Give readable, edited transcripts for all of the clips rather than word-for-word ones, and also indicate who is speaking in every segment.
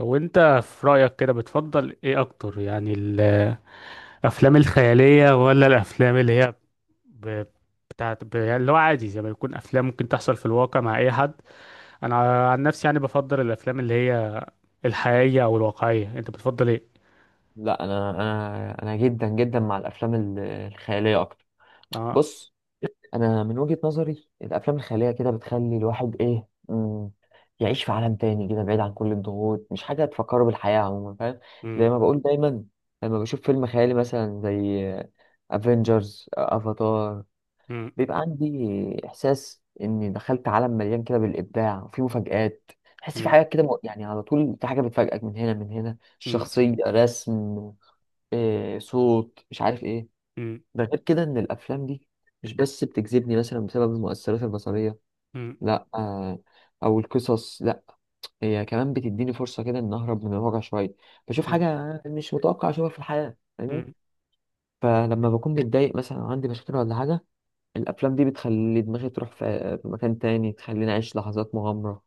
Speaker 1: هو انت في رأيك كده بتفضل ايه اكتر؟ يعني الافلام الخيالية ولا الافلام اللي هي ب... يعني اللي هو عادي زي ما يكون افلام ممكن تحصل في الواقع مع اي حد. انا عن نفسي يعني بفضل الافلام اللي هي الحقيقية او الواقعية. انت بتفضل ايه؟
Speaker 2: لا، انا جدا جدا مع الافلام الخياليه اكتر.
Speaker 1: اه.
Speaker 2: بص، انا من وجهه نظري الافلام الخياليه كده بتخلي الواحد ايه يعيش في عالم تاني كده بعيد عن كل الضغوط، مش حاجه تفكره بالحياه عموما، فاهم؟
Speaker 1: امم.
Speaker 2: زي ما بقول دايما، لما بشوف فيلم خيالي مثلا زي افنجرز، افاتار،
Speaker 1: امم.
Speaker 2: بيبقى عندي احساس اني دخلت عالم مليان كده بالابداع وفيه مفاجآت. تحس في
Speaker 1: امم.
Speaker 2: حاجات كده، يعني على طول في حاجه بتفاجئك من هنا، من هنا الشخصيه رسم، إيه، صوت، مش عارف ايه.
Speaker 1: امم. امم.
Speaker 2: ده غير كده ان الافلام دي مش بس بتجذبني مثلا بسبب المؤثرات البصريه،
Speaker 1: امم.
Speaker 2: لا آه، او القصص، لا، هي كمان بتديني فرصه كده ان اهرب من الواقع شويه، بشوف
Speaker 1: امم.
Speaker 2: حاجه مش متوقع اشوفها في الحياه، فاهمني؟
Speaker 1: امم.
Speaker 2: فلما بكون متضايق مثلا أو عندي مشاكل ولا حاجه، الافلام دي بتخلي دماغي تروح في مكان تاني، تخليني اعيش لحظات مغامره،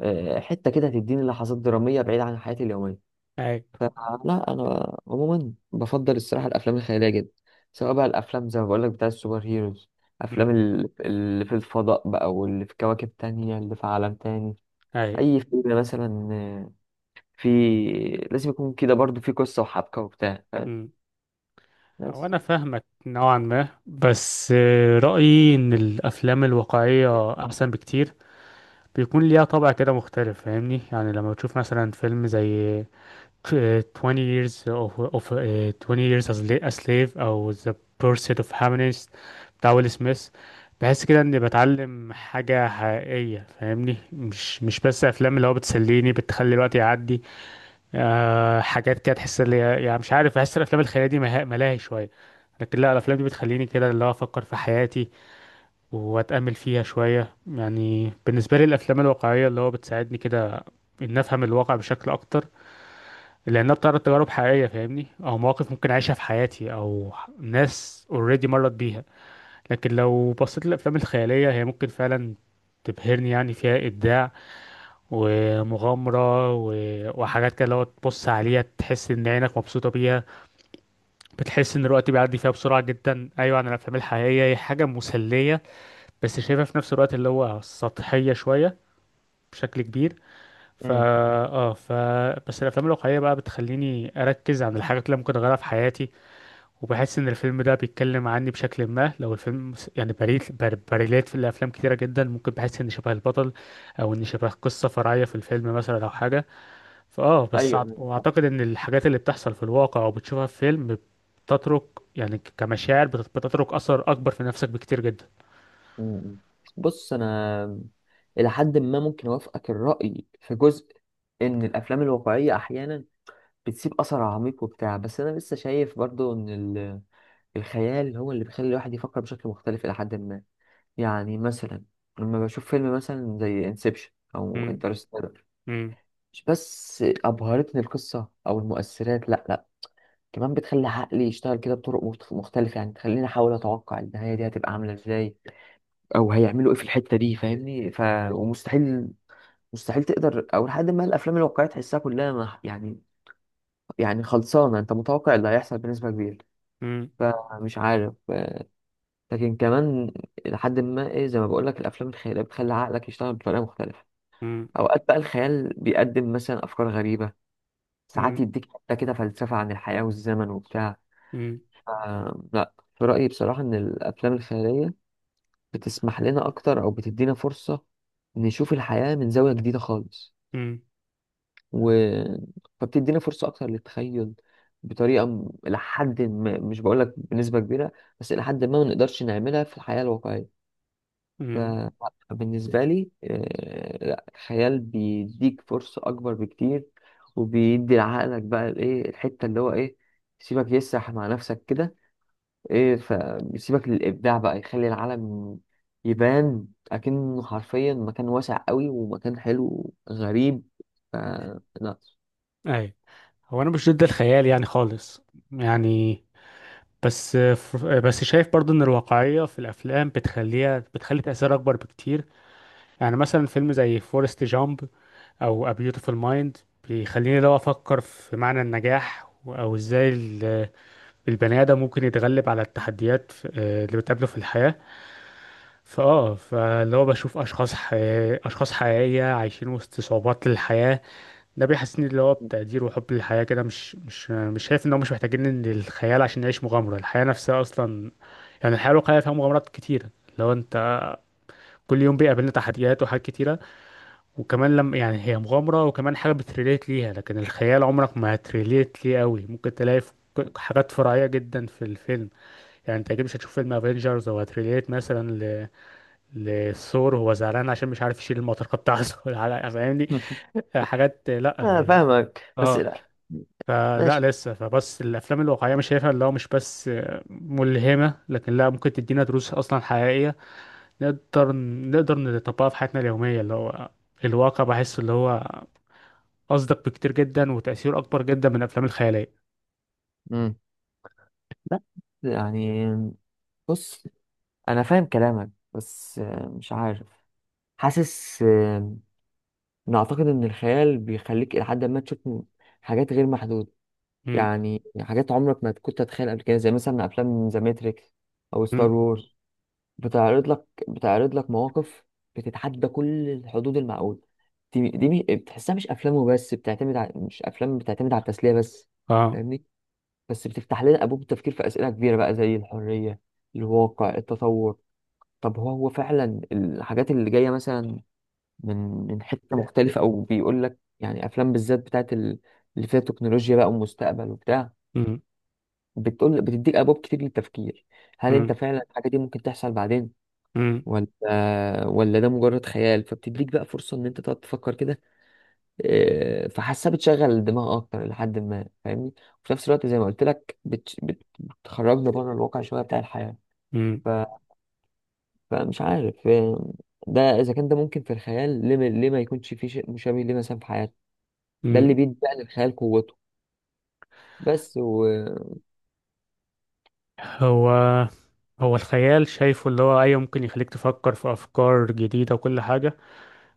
Speaker 2: حته كده تديني لحظات دراميه بعيده عن حياتي اليوميه.
Speaker 1: اي.
Speaker 2: فلا، انا عموما بفضل الصراحه الافلام الخياليه جدا، سواء بقى الافلام زي ما بقول لك بتاع السوبر هيروز، افلام
Speaker 1: امم.
Speaker 2: اللي في الفضاء بقى، واللي في كواكب تانية، اللي في عالم تاني.
Speaker 1: اي.
Speaker 2: اي فيلم مثلا في، لازم يكون كده برضو في قصه وحبكه وبتاع، فاهم؟
Speaker 1: امم.
Speaker 2: بس
Speaker 1: وانا فاهمك نوعا ما، بس رأيي ان الافلام الواقعية احسن بكتير. بيكون ليها طابع كده مختلف، فاهمني؟ يعني لما بتشوف مثلا فيلم زي 20 years of, of آه، 20 years as a slave او The Pursuit of Happiness بتاع ويل سميث. بحس كده اني بتعلم حاجة حقيقية، فاهمني؟ مش بس افلام اللي هو بتسليني بتخلي الوقت يعدي. أه، حاجات كده تحس يعني مش عارف، بحس الافلام الخيالية دي ملاهي شوية. لكن لا، الافلام دي بتخليني كده اللي هو افكر في حياتي واتامل فيها شويه. يعني بالنسبه لي الافلام الواقعيه اللي هو بتساعدني كده ان افهم الواقع بشكل اكتر، لانها بتعرض تجارب حقيقيه، فاهمني؟ او مواقف ممكن اعيشها في حياتي او ناس اوريدي مرت بيها. لكن لو بصيت للافلام الخياليه، هي ممكن فعلا تبهرني، يعني فيها ابداع ومغامره وحاجات كده. لو تبص عليها تحس ان عينك مبسوطه بيها، بتحس ان الوقت بيعدي فيها بسرعه جدا. ايوه، عن الافلام الحقيقيه هي حاجه مسليه، بس شايفها في نفس الوقت اللي هو سطحية شوية بشكل كبير. فا
Speaker 2: امم،
Speaker 1: اه ف بس الافلام الواقعية بقى بتخليني اركز عن الحاجات اللي ممكن اغيرها في حياتي، وبحس ان الفيلم ده بيتكلم عني بشكل ما. لو الفيلم يعني بريلات في الافلام كتيرة جدا ممكن بحس ان شبه البطل، او ان شبه قصة فرعية في الفيلم مثلا او حاجة. فاه بس أعت-
Speaker 2: ايوه.
Speaker 1: واعتقد ان الحاجات اللي بتحصل في الواقع او بتشوفها في فيلم بتترك، يعني كمشاعر بتترك اثر اكبر في نفسك بكتير جدا.
Speaker 2: م- م. بص، انا الى حد ما ممكن اوافقك الراي في جزء ان الافلام الواقعيه احيانا بتسيب اثر عميق وبتاع، بس انا لسه شايف برضو ان الخيال هو اللي بيخلي الواحد يفكر بشكل مختلف إلى حد ما. يعني مثلا لما بشوف فيلم مثلا زي انسبشن أو
Speaker 1: مم.
Speaker 2: انترستيلر، مش بس أبهرتني القصة أو المؤثرات، لأ لأ، كمان بتخلي عقلي يشتغل كده بطرق مختلفة، يعني تخليني أحاول أتوقع النهاية دي هتبقى عاملة إزاي أو هيعملوا إيه في الحتة دي، فاهمني؟ ومستحيل، تقدر أو لحد ما الأفلام الواقعية تحسها كلها يعني، يعني خلصانة، أنت متوقع اللي هيحصل بنسبة كبيرة.
Speaker 1: مم.
Speaker 2: فمش عارف، لكن كمان لحد ما ايه، زي ما بقول لك الافلام الخياليه بتخلي عقلك يشتغل بطريقه مختلفه.
Speaker 1: مم.
Speaker 2: اوقات بقى الخيال بيقدم مثلا افكار غريبه، ساعات
Speaker 1: مم.
Speaker 2: يديك حتى كده فلسفه عن الحياه والزمن وبتاع.
Speaker 1: مم.
Speaker 2: ف- لا، في رايي بصراحه ان الافلام الخياليه بتسمح لنا اكتر او بتدينا فرصه نشوف الحياه من زاويه جديده خالص.
Speaker 1: مم.
Speaker 2: و... فبتدينا فرصه اكتر للتخيل، بطريقه لحد ما، مش بقول لك بنسبه كبيره، بس لحد ما ما نقدرش نعملها في الحياه الواقعيه.
Speaker 1: مم.
Speaker 2: فبالنسبة لي لا، الخيال بيديك فرصة أكبر بكتير، وبيدي لعقلك بقى الإيه، الحتة اللي هو إيه، سيبك يسرح مع نفسك كده، إيه، فبيسيبك للإبداع بقى، يخلي العالم يبان أكنه حرفيا مكان واسع قوي ومكان حلو غريب. ف- لا.
Speaker 1: اي. هو انا مش ضد الخيال يعني خالص. يعني بس بس شايف برضو ان الواقعية في الافلام بتخلي تأثير اكبر بكتير. يعني مثلا فيلم زي فورست جامب او A Beautiful Mind بيخليني لو افكر في معنى النجاح او ازاي البني ادم ممكن يتغلب على التحديات اللي بتقابله في الحياة. فاه، فاللي هو بشوف اشخاص حقيقية عايشين وسط صعوبات الحياة. ده بيحسسني اللي هو بتقدير وحب للحياة كده. مش شايف ان هو مش محتاجين ان الخيال عشان نعيش مغامرة الحياة نفسها اصلا. يعني الحياة الواقعية فيها مغامرات كتيرة. لو انت، كل يوم بيقابلنا تحديات وحاجات كتيرة. وكمان لما يعني هي مغامرة، وكمان حاجة بتريليت ليها، لكن الخيال عمرك ما هتريليت ليه قوي. ممكن تلاقي في حاجات فرعية جدا في الفيلم. يعني انت اكيد مش هتشوف فيلم افنجرز او هتريليت مثلا لثور وهو زعلان عشان مش عارف يشيل المطرقة بتاعته فاهمني حاجات. لا.
Speaker 2: أنا فاهمك بس
Speaker 1: اه،
Speaker 2: لا،
Speaker 1: فلا
Speaker 2: ماشي.
Speaker 1: لسه فبس الافلام الواقعيه مش شايفها اللي هو مش بس ملهمه، لكن لا، ممكن تدينا دروس اصلا حقيقيه نقدر نقدر نطبقها في حياتنا اليوميه. اللي هو الواقع بحس اللي هو اصدق بكتير جدا وتاثيره اكبر جدا من الافلام الخياليه.
Speaker 2: مم. لا، يعني، بص، أنا فاهم كلامك بس مش عارف، حاسس انا اعتقد ان الخيال بيخليك الى حد ما تشوف حاجات غير محدوده،
Speaker 1: مم.
Speaker 2: يعني حاجات عمرك ما كنت تتخيل قبل كده، زي مثلا افلام ذا ماتريكس او ستار
Speaker 1: مم.
Speaker 2: وورز. بتعرض لك مواقف بتتحدى كل الحدود المعقوله. دي بتحسها مش افلام وبس بتعتمد على، مش افلام بتعتمد على التسليه بس،
Speaker 1: اه.
Speaker 2: فاهمني؟ بس بتفتح لنا ابواب التفكير في اسئله كبيره بقى زي الحريه، الواقع، التطور. طب هو فعلا الحاجات اللي جايه مثلا من حتة مختلفة، أو بيقول لك يعني أفلام بالذات بتاعت اللي فيها تكنولوجيا بقى ومستقبل وبتاع،
Speaker 1: مم.
Speaker 2: بتقول، بتديك أبواب كتير للتفكير، هل
Speaker 1: مم.
Speaker 2: أنت فعلا الحاجة دي ممكن تحصل بعدين
Speaker 1: مم.
Speaker 2: ولا، ولا ده مجرد خيال؟ فبتديك بقى فرصة إن أنت تقعد تفكر كده، فحاسة بتشغل الدماغ أكتر لحد ما، فاهمني؟ وفي نفس الوقت زي ما قلت لك بتخرجنا بره الواقع شوية بتاع الحياة.
Speaker 1: مم.
Speaker 2: ف... فمش عارف ده إذا كان ده ممكن في الخيال، ليه ما يكونش في شيء مشابه ليه مثلا في حياتنا؟ ده
Speaker 1: مم.
Speaker 2: اللي بيدي بقى للخيال قوته. بس و-
Speaker 1: هو هو الخيال شايفه اللي هو ايوه ممكن يخليك تفكر في افكار جديده وكل حاجه،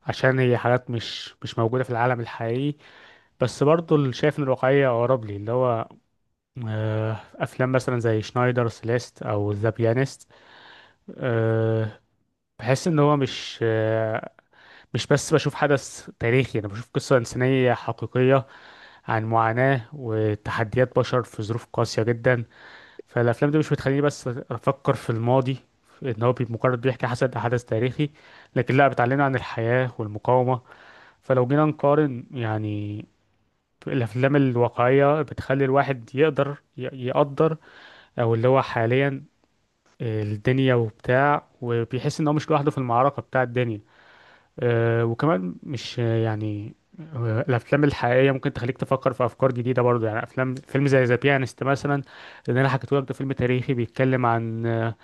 Speaker 1: عشان هي حاجات مش موجوده في العالم الحقيقي. بس برضه اللي شايف ان الواقعية اقرب لي اللي هو افلام مثلا زي شنايدر سيليست او ذا بيانست. أه، بحس ان هو مش بس بشوف حدث تاريخي، انا بشوف قصة انسانية حقيقية عن معاناة وتحديات بشر في ظروف قاسية جدا. فالافلام دي مش بتخليني بس افكر في الماضي ان هو مجرد بيحكي حسب حدث تاريخي، لكن لا، بتعلمنا عن الحياة والمقاومة. فلو جينا نقارن يعني، الافلام الواقعيه بتخلي الواحد يقدر يقدر او اللي هو حاليا الدنيا وبتاع، وبيحس ان هو مش لوحده في المعركه بتاع الدنيا. آه، وكمان مش آه، يعني الافلام الحقيقيه ممكن تخليك تفكر في افكار جديده برضه. يعني افلام فيلم زي ذا بيانست مثلا، اللي انا حكيته لك، ده فيلم تاريخي بيتكلم عن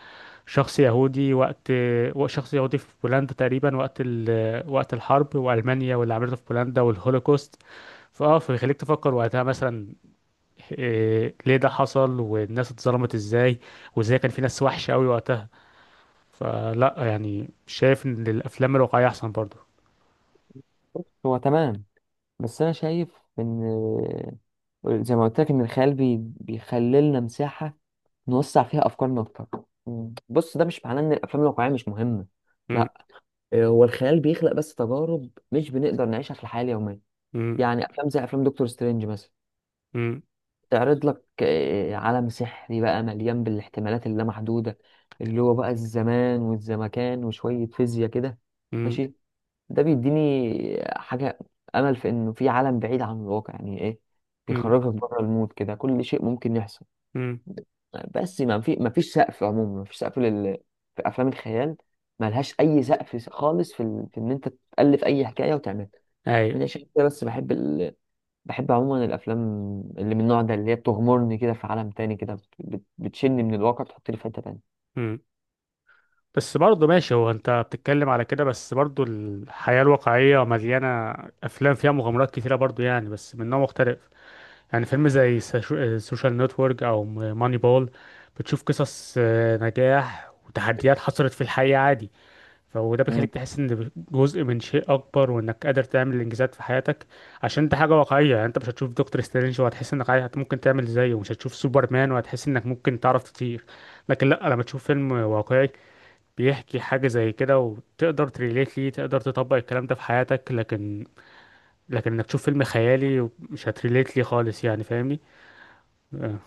Speaker 1: شخص يهودي في بولندا تقريبا وقت ال- آه، وقت الحرب والمانيا واللي عملته في بولندا والهولوكوست. فاه، فبيخليك تفكر وقتها مثلا، إيه ليه ده حصل؟ والناس اتظلمت ازاي؟ وازاي كان في ناس وحشة قوي وقتها؟ فلا يعني شايف ان الافلام الواقعية احسن برضو.
Speaker 2: هو تمام، بس انا شايف ان، زي ما قلت لك، ان الخيال بيخلي لنا مساحه نوسع فيها افكارنا اكتر. مم. بص، ده مش معناه ان الافلام الواقعيه مش مهمه،
Speaker 1: م-
Speaker 2: لا، هو الخيال بيخلق بس تجارب مش بنقدر نعيشها في الحياه اليوميه.
Speaker 1: م-
Speaker 2: يعني افلام زي افلام دكتور سترينج مثلا،
Speaker 1: م-
Speaker 2: تعرض لك عالم سحري بقى مليان بالاحتمالات اللامحدوده، اللي هو بقى الزمان والزمكان وشويه فيزياء كده.
Speaker 1: م-
Speaker 2: ماشي، ده بيديني حاجة، أمل في إنه في عالم بعيد عن الواقع، يعني إيه،
Speaker 1: م-
Speaker 2: بيخرجك بره المود كده، كل شيء ممكن يحصل.
Speaker 1: م.
Speaker 2: بس ما فيش سقف عموما، ما فيش سقف لل، في أفلام الخيال ملهاش أي سقف خالص في إن أنت تألف أي حكاية وتعملها.
Speaker 1: اي.
Speaker 2: أنا عشان كده بس بحب بحب عموما الأفلام اللي من النوع ده، اللي هي بتغمرني كده في عالم تاني كده، بتشني من الواقع، بتحطني في حتة تانية
Speaker 1: م. بس برضه ماشي. هو انت بتتكلم على كده، بس برضه الحياة الواقعية مليانة افلام فيها مغامرات كتيرة برضه، يعني بس من نوع مختلف. يعني فيلم زي سوشيال نتورك او ماني بول، بتشوف قصص نجاح وتحديات حصلت في الحقيقة عادي. فوده بيخليك تحس ان جزء من شيء اكبر، وانك قادر تعمل انجازات في حياتك، عشان دي حاجه واقعيه. يعني انت مش هتشوف دكتور سترينج وهتحس انك عايز ممكن تعمل زيه، ومش هتشوف سوبرمان وهتحس انك ممكن تعرف تطير. لكن لا، لما تشوف فيلم واقعي بيحكي حاجه زي كده وتقدر تريليت ليه، تقدر تطبق الكلام ده في حياتك. لكن انك تشوف فيلم خيالي مش هتريليت ليه خالص يعني، فاهمني؟ آه.